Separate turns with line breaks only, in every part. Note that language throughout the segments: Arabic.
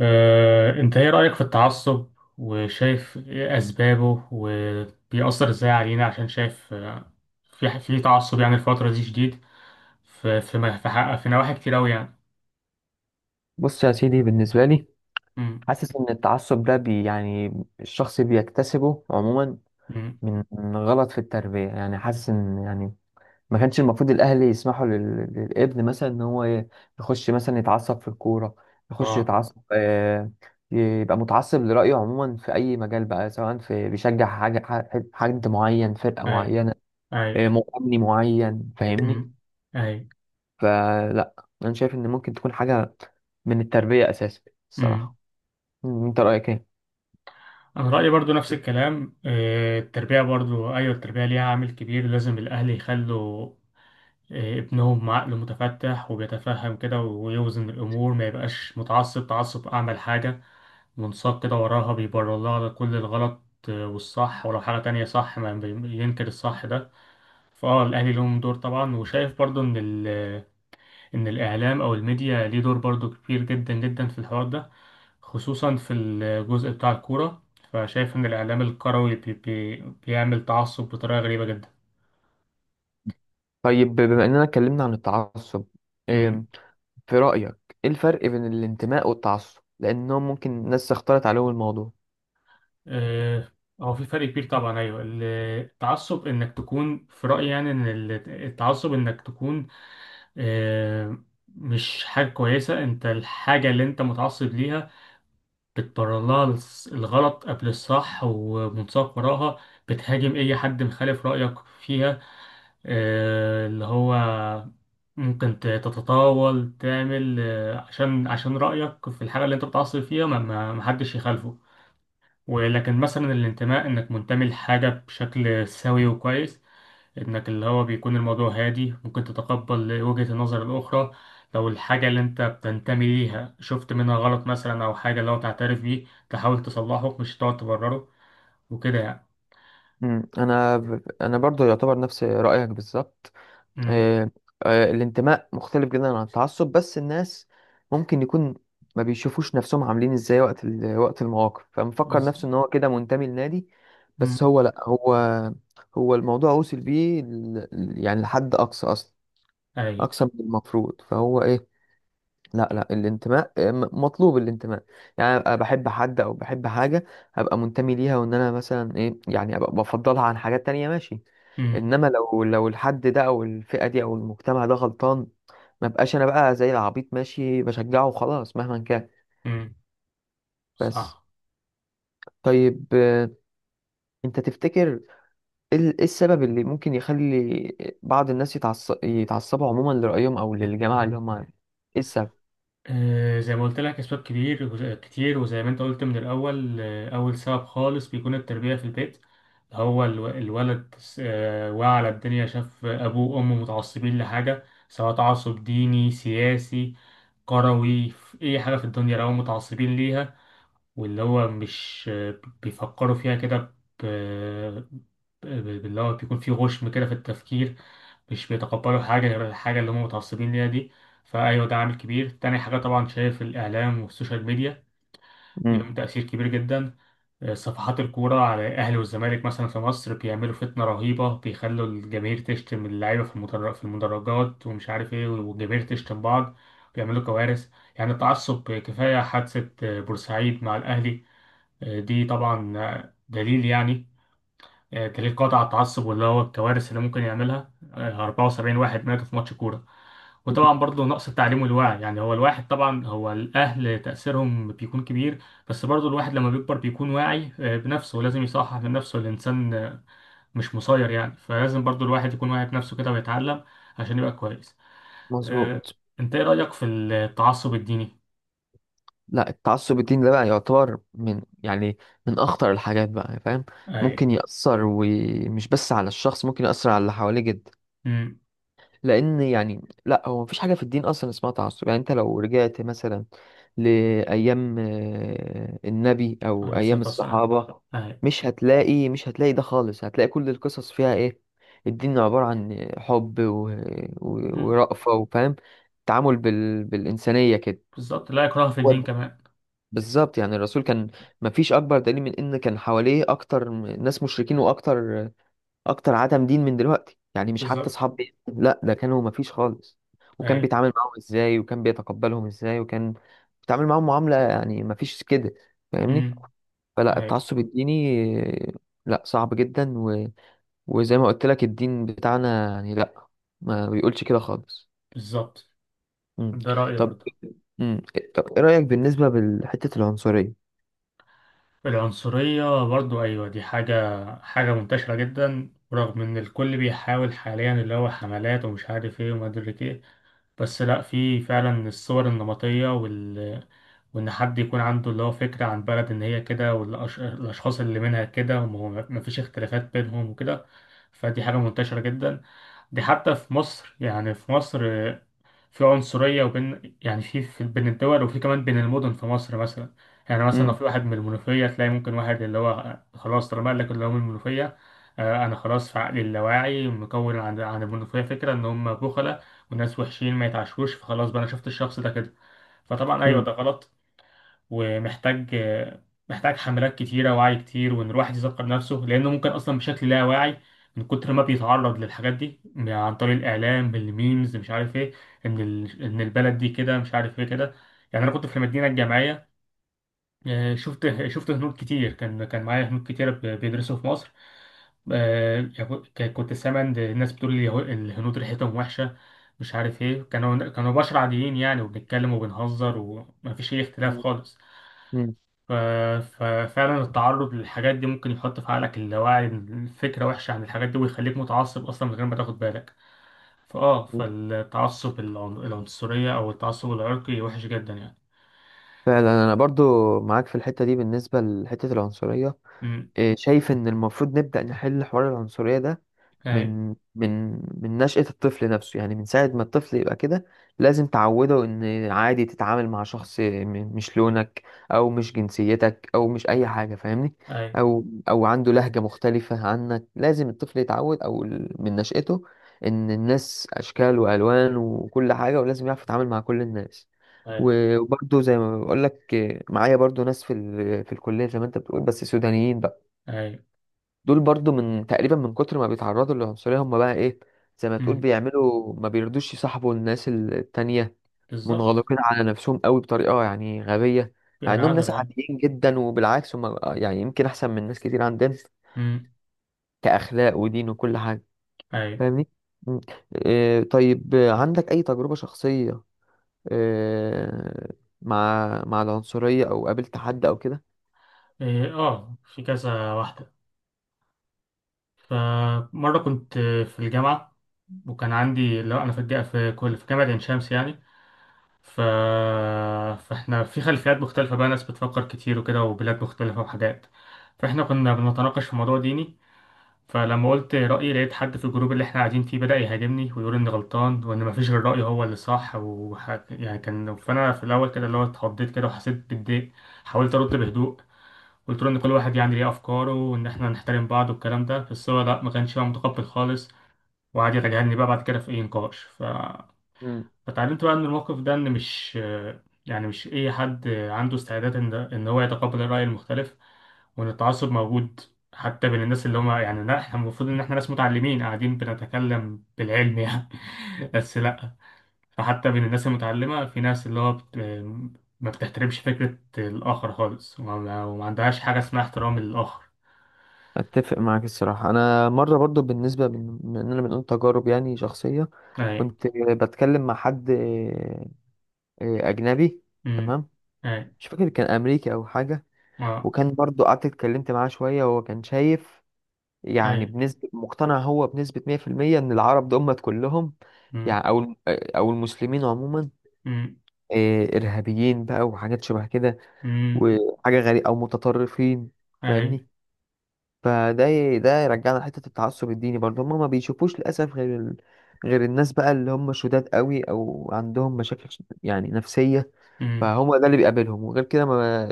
انت ايه رأيك في التعصب؟ وشايف ايه اسبابه وبيأثر ازاي علينا؟ عشان شايف في تعصب يعني الفترة دي شديد في في م- في, حق- في نواحي كتير قوي يعني.
بص يا سيدي بالنسبة لي
امم.
حاسس إن التعصب ده يعني الشخص بيكتسبه عموما
امم.
من غلط في التربية يعني حاسس إن يعني ما كانش المفروض الأهل يسمحوا للابن مثلا إن هو يخش مثلا يتعصب في الكورة، يخش
اه.
يتعصب، يبقى متعصب لرأيه عموما في أي مجال بقى، سواء في بيشجع حاجة، حد معين، فرقة
اي.
معينة،
اي.
مغني معين،
امم.
فاهمني؟
اي.
فلا، أنا شايف إن ممكن تكون حاجة من التربية أساسا،
امم.
الصراحة. أنت رأيك إيه؟
انا رأيي برضو نفس الكلام. التربية برضو، ايوه التربية ليها عامل كبير. لازم الاهل يخلوا ابنهم عقله متفتح، وبيتفهم كده ويوزن الامور، ما يبقاش متعصب تعصب اعمل حاجة منساق كده وراها بيبرر لها على كل الغلط والصح. ولو حاجة تانية صح ما بي- ينكر الصح ده. فاه الأهلي لهم دور طبعا، وشايف برضو إن إن الإعلام أو الميديا ليه دور برضو كبير جدا جدا في الحوار ده، خصوصا في الجزء بتاع الكورة. فشايف إن الإعلام الكروي بي بي بيعمل تعصب بطريقة غريبة جدا.
طيب، بما اننا اتكلمنا عن التعصب،
مم.
إيه في رأيك ايه الفرق بين الانتماء والتعصب، لانهم ممكن ناس اختلط عليهم الموضوع؟
آه، هو في فرق كبير طبعا. أيوه، التعصب إنك تكون في رأيي يعني إن التعصب إنك تكون آه، مش حاجة كويسة. انت الحاجة اللي انت متعصب ليها بتبرر لها الغلط قبل الصح ومنساق وراها. بتهاجم اي حد مخالف رأيك فيها، اللي هو ممكن تتطاول تعمل عشان رأيك في الحاجة اللي انت متعصب فيها ما حدش يخالفه. ولكن مثلا الانتماء، انك منتمي لحاجة بشكل سوي وكويس، انك اللي هو بيكون الموضوع هادي، ممكن تتقبل وجهة النظر الأخرى. لو الحاجة اللي انت بتنتمي ليها شفت منها غلط مثلا، أو حاجة اللي هو تعترف بيه تحاول تصلحه، مش تقعد تبرره وكده يعني.
مم، انا برضو يعتبر نفس رأيك بالظبط.
امم.
إيه، الانتماء مختلف جدا عن التعصب، بس الناس ممكن يكون ما بيشوفوش نفسهم عاملين ازاي وقت وقت المواقف، فمفكر
بز-
نفسه ان هو كده منتمي لنادي، بس
امم.
هو لا، هو الموضوع وصل بيه يعني لحد اقصى اصلا،
أي.
اقصى من المفروض. فهو ايه، لا الانتماء، مطلوب الانتماء، يعني ابقى بحب حد او بحب حاجه، ابقى منتمي ليها، وان انا مثلا ايه يعني ابقى بفضلها عن حاجات تانية، ماشي.
امم.
انما لو الحد ده او الفئه دي او المجتمع ده غلطان، ما بقاش انا بقى زي العبيط ماشي بشجعه وخلاص مهما كان.
امم.
بس
صح.
طيب، انت تفتكر ايه إيه السبب اللي ممكن يخلي بعض الناس يتعصبوا عموما لرأيهم او للجماعه اللي هم، ايه السبب؟
زي ما قلت لك اسباب كبير كتير، وزي ما انت قلت من الاول، اول سبب خالص بيكون التربيه في البيت. هو الولد وعى على الدنيا، شاف ابوه وامه متعصبين لحاجه، سواء تعصب ديني، سياسي، كروي، في اي حاجه في الدنيا لو هم متعصبين ليها، واللي هو مش بيفكروا فيها كده. ب... ب- اللي هو بيكون فيه غشم كده في التفكير، مش بيتقبلوا حاجة غير الحاجة اللي هم متعصبين ليها دي. فأيوة ده عامل كبير. تاني حاجة، طبعا شايف الإعلام والسوشيال ميديا
مم.
ليهم تأثير كبير جدا. صفحات الكورة على الأهلي والزمالك مثلا في مصر بيعملوا فتنة رهيبة، بيخلوا الجماهير تشتم اللعيبة في المدرجات ومش عارف إيه، والجماهير تشتم بعض. بيعملوا كوارث. يعني التعصب، كفاية حادثة بورسعيد مع الأهلي. دي طبعا دليل، يعني دليل قاطع على التعصب، واللي هو الكوارث اللي ممكن يعملها. 74 واحد ماتوا في ماتش كورة. وطبعا برضه نقص التعليم والوعي، يعني هو الواحد طبعا، هو الأهل تأثيرهم بيكون كبير. بس برضه الواحد لما بيكبر بيكون واعي بنفسه، ولازم يصحح من نفسه. الإنسان مش مسير يعني. فلازم برضه الواحد يكون واعي بنفسه كده ويتعلم عشان يبقى كويس. آه،
مظبوط.
أنت إيه رأيك في التعصب الديني؟
لا التعصب الديني ده بقى يعتبر من يعني من اخطر الحاجات بقى، فاهم؟
أي.
ممكن يأثر ومش بس على الشخص، ممكن يأثر على اللي حواليه جدا،
أمم.
لان يعني لا هو مفيش حاجة في الدين اصلا اسمها تعصب. يعني انت لو رجعت مثلا لأيام النبي او
عليه الصلاة
ايام
والسلام.
الصحابة، مش هتلاقي ده خالص، هتلاقي كل القصص فيها ايه، الدين عبارة عن حب
أي.
ورأفة وفاهم، تعامل بالإنسانية كده.
بالظبط، لا إكراه في الدين كمان.
بالظبط، يعني الرسول كان، مفيش اكبر دليل من ان كان حواليه اكتر ناس مشركين واكتر عدم دين من دلوقتي، يعني مش حتى
بالظبط.
اصحاب بيت، لا ده كانوا مفيش خالص. وكان
أي.
بيتعامل معاهم ازاي، وكان بيتقبلهم ازاي، وكان بيتعامل معاهم معاملة يعني مفيش كده، فاهمني؟
امم.
فلا
أي.
التعصب الديني، آه، لا صعب جدا، وزي ما قلت لك الدين بتاعنا يعني لا، ما بيقولش كده خالص.
بالظبط،
مم.
ده رأيي
طب،
برضه.
مم. إيه، طب ايه رأيك بالنسبة لحتة العنصرية؟
العنصرية برضه، أيوة دي حاجة منتشرة جدا رغم إن الكل بيحاول حاليا اللي هو حملات ومش عارف إيه وما أدري إيه. بس لأ، في فعلا الصور النمطية وإن حد يكون عنده اللي هو فكرة عن بلد إن هي كده، والأشخاص اللي منها كده وما فيش اختلافات بينهم وكده. فدي حاجة منتشرة جدا. دي حتى في مصر، يعني في مصر في عنصرية، وبين يعني بين الدول، وفي كمان بين المدن في مصر مثلا. يعني مثلا لو
مم.
في واحد من المنوفية، تلاقي ممكن واحد اللي هو خلاص طالما قال لك اللي هو من المنوفية، أنا خلاص في عقلي اللاواعي مكون عن المنوفية فكرة إن هم بخلة وناس وحشين ما يتعشروش، فخلاص بقى أنا شفت الشخص ده كده. فطبعا أيوه
مم.
ده غلط ومحتاج. حملات كتيرة، وعي كتير، وإن الواحد يذكر نفسه لأنه ممكن أصلا بشكل لا واعي من كتر ما بيتعرض للحاجات دي عن طريق الإعلام بالميمز، مش عارف إيه، إن إن البلد دي كده مش عارف إيه كده. يعني أنا كنت في المدينة الجامعية، شفت هنود كتير، كان معايا هنود كتيرة بيدرسوا في مصر. آه، كنت سامع إن الناس بتقول لي الهنود ريحتهم وحشة، مش عارف إيه. كانوا بشر عاديين يعني، وبنتكلم وبنهزر ومفيش أي اختلاف خالص.
مم.
ف- ففعلا التعرض للحاجات دي ممكن يحط في عقلك اللاواعي فكرة وحشة عن الحاجات دي، ويخليك متعصب أصلا من غير ما تاخد بالك. فالتعصب العنصرية أو التعصب العرقي وحش جدا يعني.
فعلا انا برضو معاك في الحتة دي. بالنسبة لحتة العنصرية،
أمم.
إيه، شايف ان المفروض نبدأ نحل حوار العنصرية ده
أي.
من من من نشأة الطفل نفسه، يعني من ساعة ما الطفل يبقى كده، لازم تعوده إن عادي تتعامل مع شخص مش لونك، أو مش جنسيتك، أو مش أي حاجة، فاهمني؟
أي.
أو عنده لهجة مختلفة عنك. لازم الطفل يتعود أو من نشأته إن الناس أشكال وألوان وكل حاجة، ولازم يعرف يتعامل مع كل الناس.
أي.
و- وبرضه زي ما بقول لك، معايا برضه ناس في في الكلية زي ما أنت بتقول، بس سودانيين بقى.
أي.
دول برضو من تقريبا من كتر ما بيتعرضوا للعنصرية هم بقى ايه، زي ما تقول
أمم.
بيعملوا ما بيرضوش يصاحبوا الناس التانية،
بالظبط
منغلقين على نفسهم قوي بطريقة يعني غبية، مع
يعني
انهم
عذر.
ناس
أي.
عاديين جدا، وبالعكس هم يعني يمكن احسن من ناس كتير عندنا
أمم.
كأخلاق ودين وكل حاجة،
أي.
فاهمني؟ مم. إيه طيب، عندك اي تجربة شخصية، إيه، مع العنصرية او قابلت حد او كده؟
إيه، في كذا واحدة. فمرة كنت في الجامعة، وكان عندي لا، أنا في الجامعة في كل في جامعة عين شمس يعني. ف... فاحنا في خلفيات مختلفة بقى، ناس بتفكر كتير وكده، وبلاد مختلفة وحاجات. فاحنا كنا بنتناقش في موضوع ديني. فلما قلت رأيي، لقيت حد في الجروب اللي احنا قاعدين فيه بدأ يهاجمني ويقول إني غلطان، وإن مفيش غير رأيي هو اللي صح يعني كان. فأنا في الأول كده اللي هو اتخضيت كده وحسيت بالضيق. حاولت أرد بهدوء، قلت له إن كل واحد يعني ليه أفكاره، وإن احنا نحترم بعض والكلام ده. بس هو لأ، ما كانش بقى متقبل خالص. وقعد يتجاهلني بقى بعد كده في أي نقاش. فتعلمت بقى من الموقف ده ان مش، اي حد عنده استعداد ان هو يتقبل الرأي المختلف. وان التعصب موجود حتى بين الناس اللي هم يعني، لا احنا المفروض ان احنا ناس متعلمين قاعدين بنتكلم بالعلم يعني. بس لا. فحتى بين الناس المتعلمة في ناس اللي هو ما بتحترمش فكرة الآخر خالص، وما عندهاش حاجة اسمها احترام للآخر.
اتفق معاك الصراحه. انا مره برضو، بالنسبه من اننا بنقول تجارب يعني شخصيه،
أي.
كنت بتكلم مع حد اجنبي،
أمم.
تمام،
أي.
مش فاكر كان امريكي او حاجه،
أه.
وكان برضو قعدت اتكلمت معاه شويه، وهو كان شايف يعني
أي.
بنسبه، مقتنع هو بنسبه 100% ان العرب دول كلهم
أمم.
يعني او المسلمين عموما
أمم.
ارهابيين بقى وحاجات شبه كده،
أمم.
وحاجه غريبه او متطرفين،
أي.
فاهمني؟ فده ده يرجعنا لحتة التعصب الديني برضه. هما ما بيشوفوش للأسف غير غير الناس بقى اللي هم شداد قوي أو عندهم مشاكل يعني نفسية،
أمم.
فهو ده اللي بيقابلهم. وغير كده ما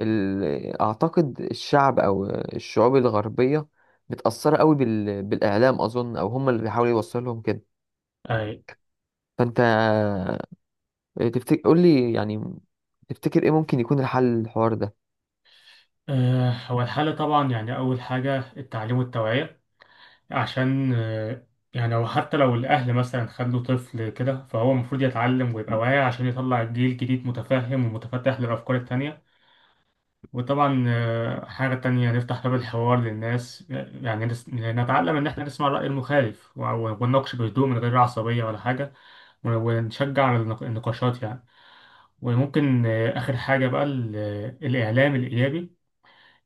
ال... أعتقد الشعب أو الشعوب الغربية متأثرة قوي بالإعلام أظن، أو هم اللي بيحاولوا يوصلوا لهم كده.
أي.
فأنت تفتكر، قول لي يعني، تفتكر إيه ممكن يكون الحل للحوار ده؟
هو الحل طبعا يعني، أول حاجة التعليم والتوعية. عشان يعني هو حتى لو الأهل مثلا خلوا طفل كده، فهو المفروض يتعلم ويبقى واعي عشان يطلع جيل جديد متفهم ومتفتح للأفكار التانية. وطبعا حاجة تانية، نفتح باب الحوار للناس، يعني نتعلم إن إحنا نسمع الرأي المخالف ونناقش بهدوء من غير عصبية ولا حاجة، ونشجع على النقاشات يعني. وممكن آخر حاجة بقى الإعلام الإيجابي.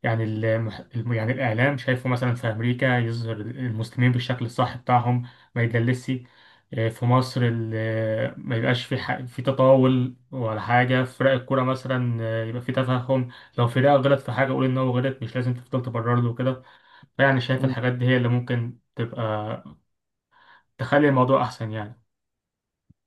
يعني الإعلام شايفه مثلا في أمريكا يظهر المسلمين بالشكل الصح بتاعهم، ما يدلسش. في مصر ما يبقاش في تطاول ولا حاجة في فرق الكورة مثلا. يبقى في تفهم. لو فرقة غلط في حاجة، قول إن هو غلط، مش لازم تفضل تبرر له كده. فيعني شايف الحاجات دي هي اللي ممكن تبقى تخلي الموضوع أحسن يعني.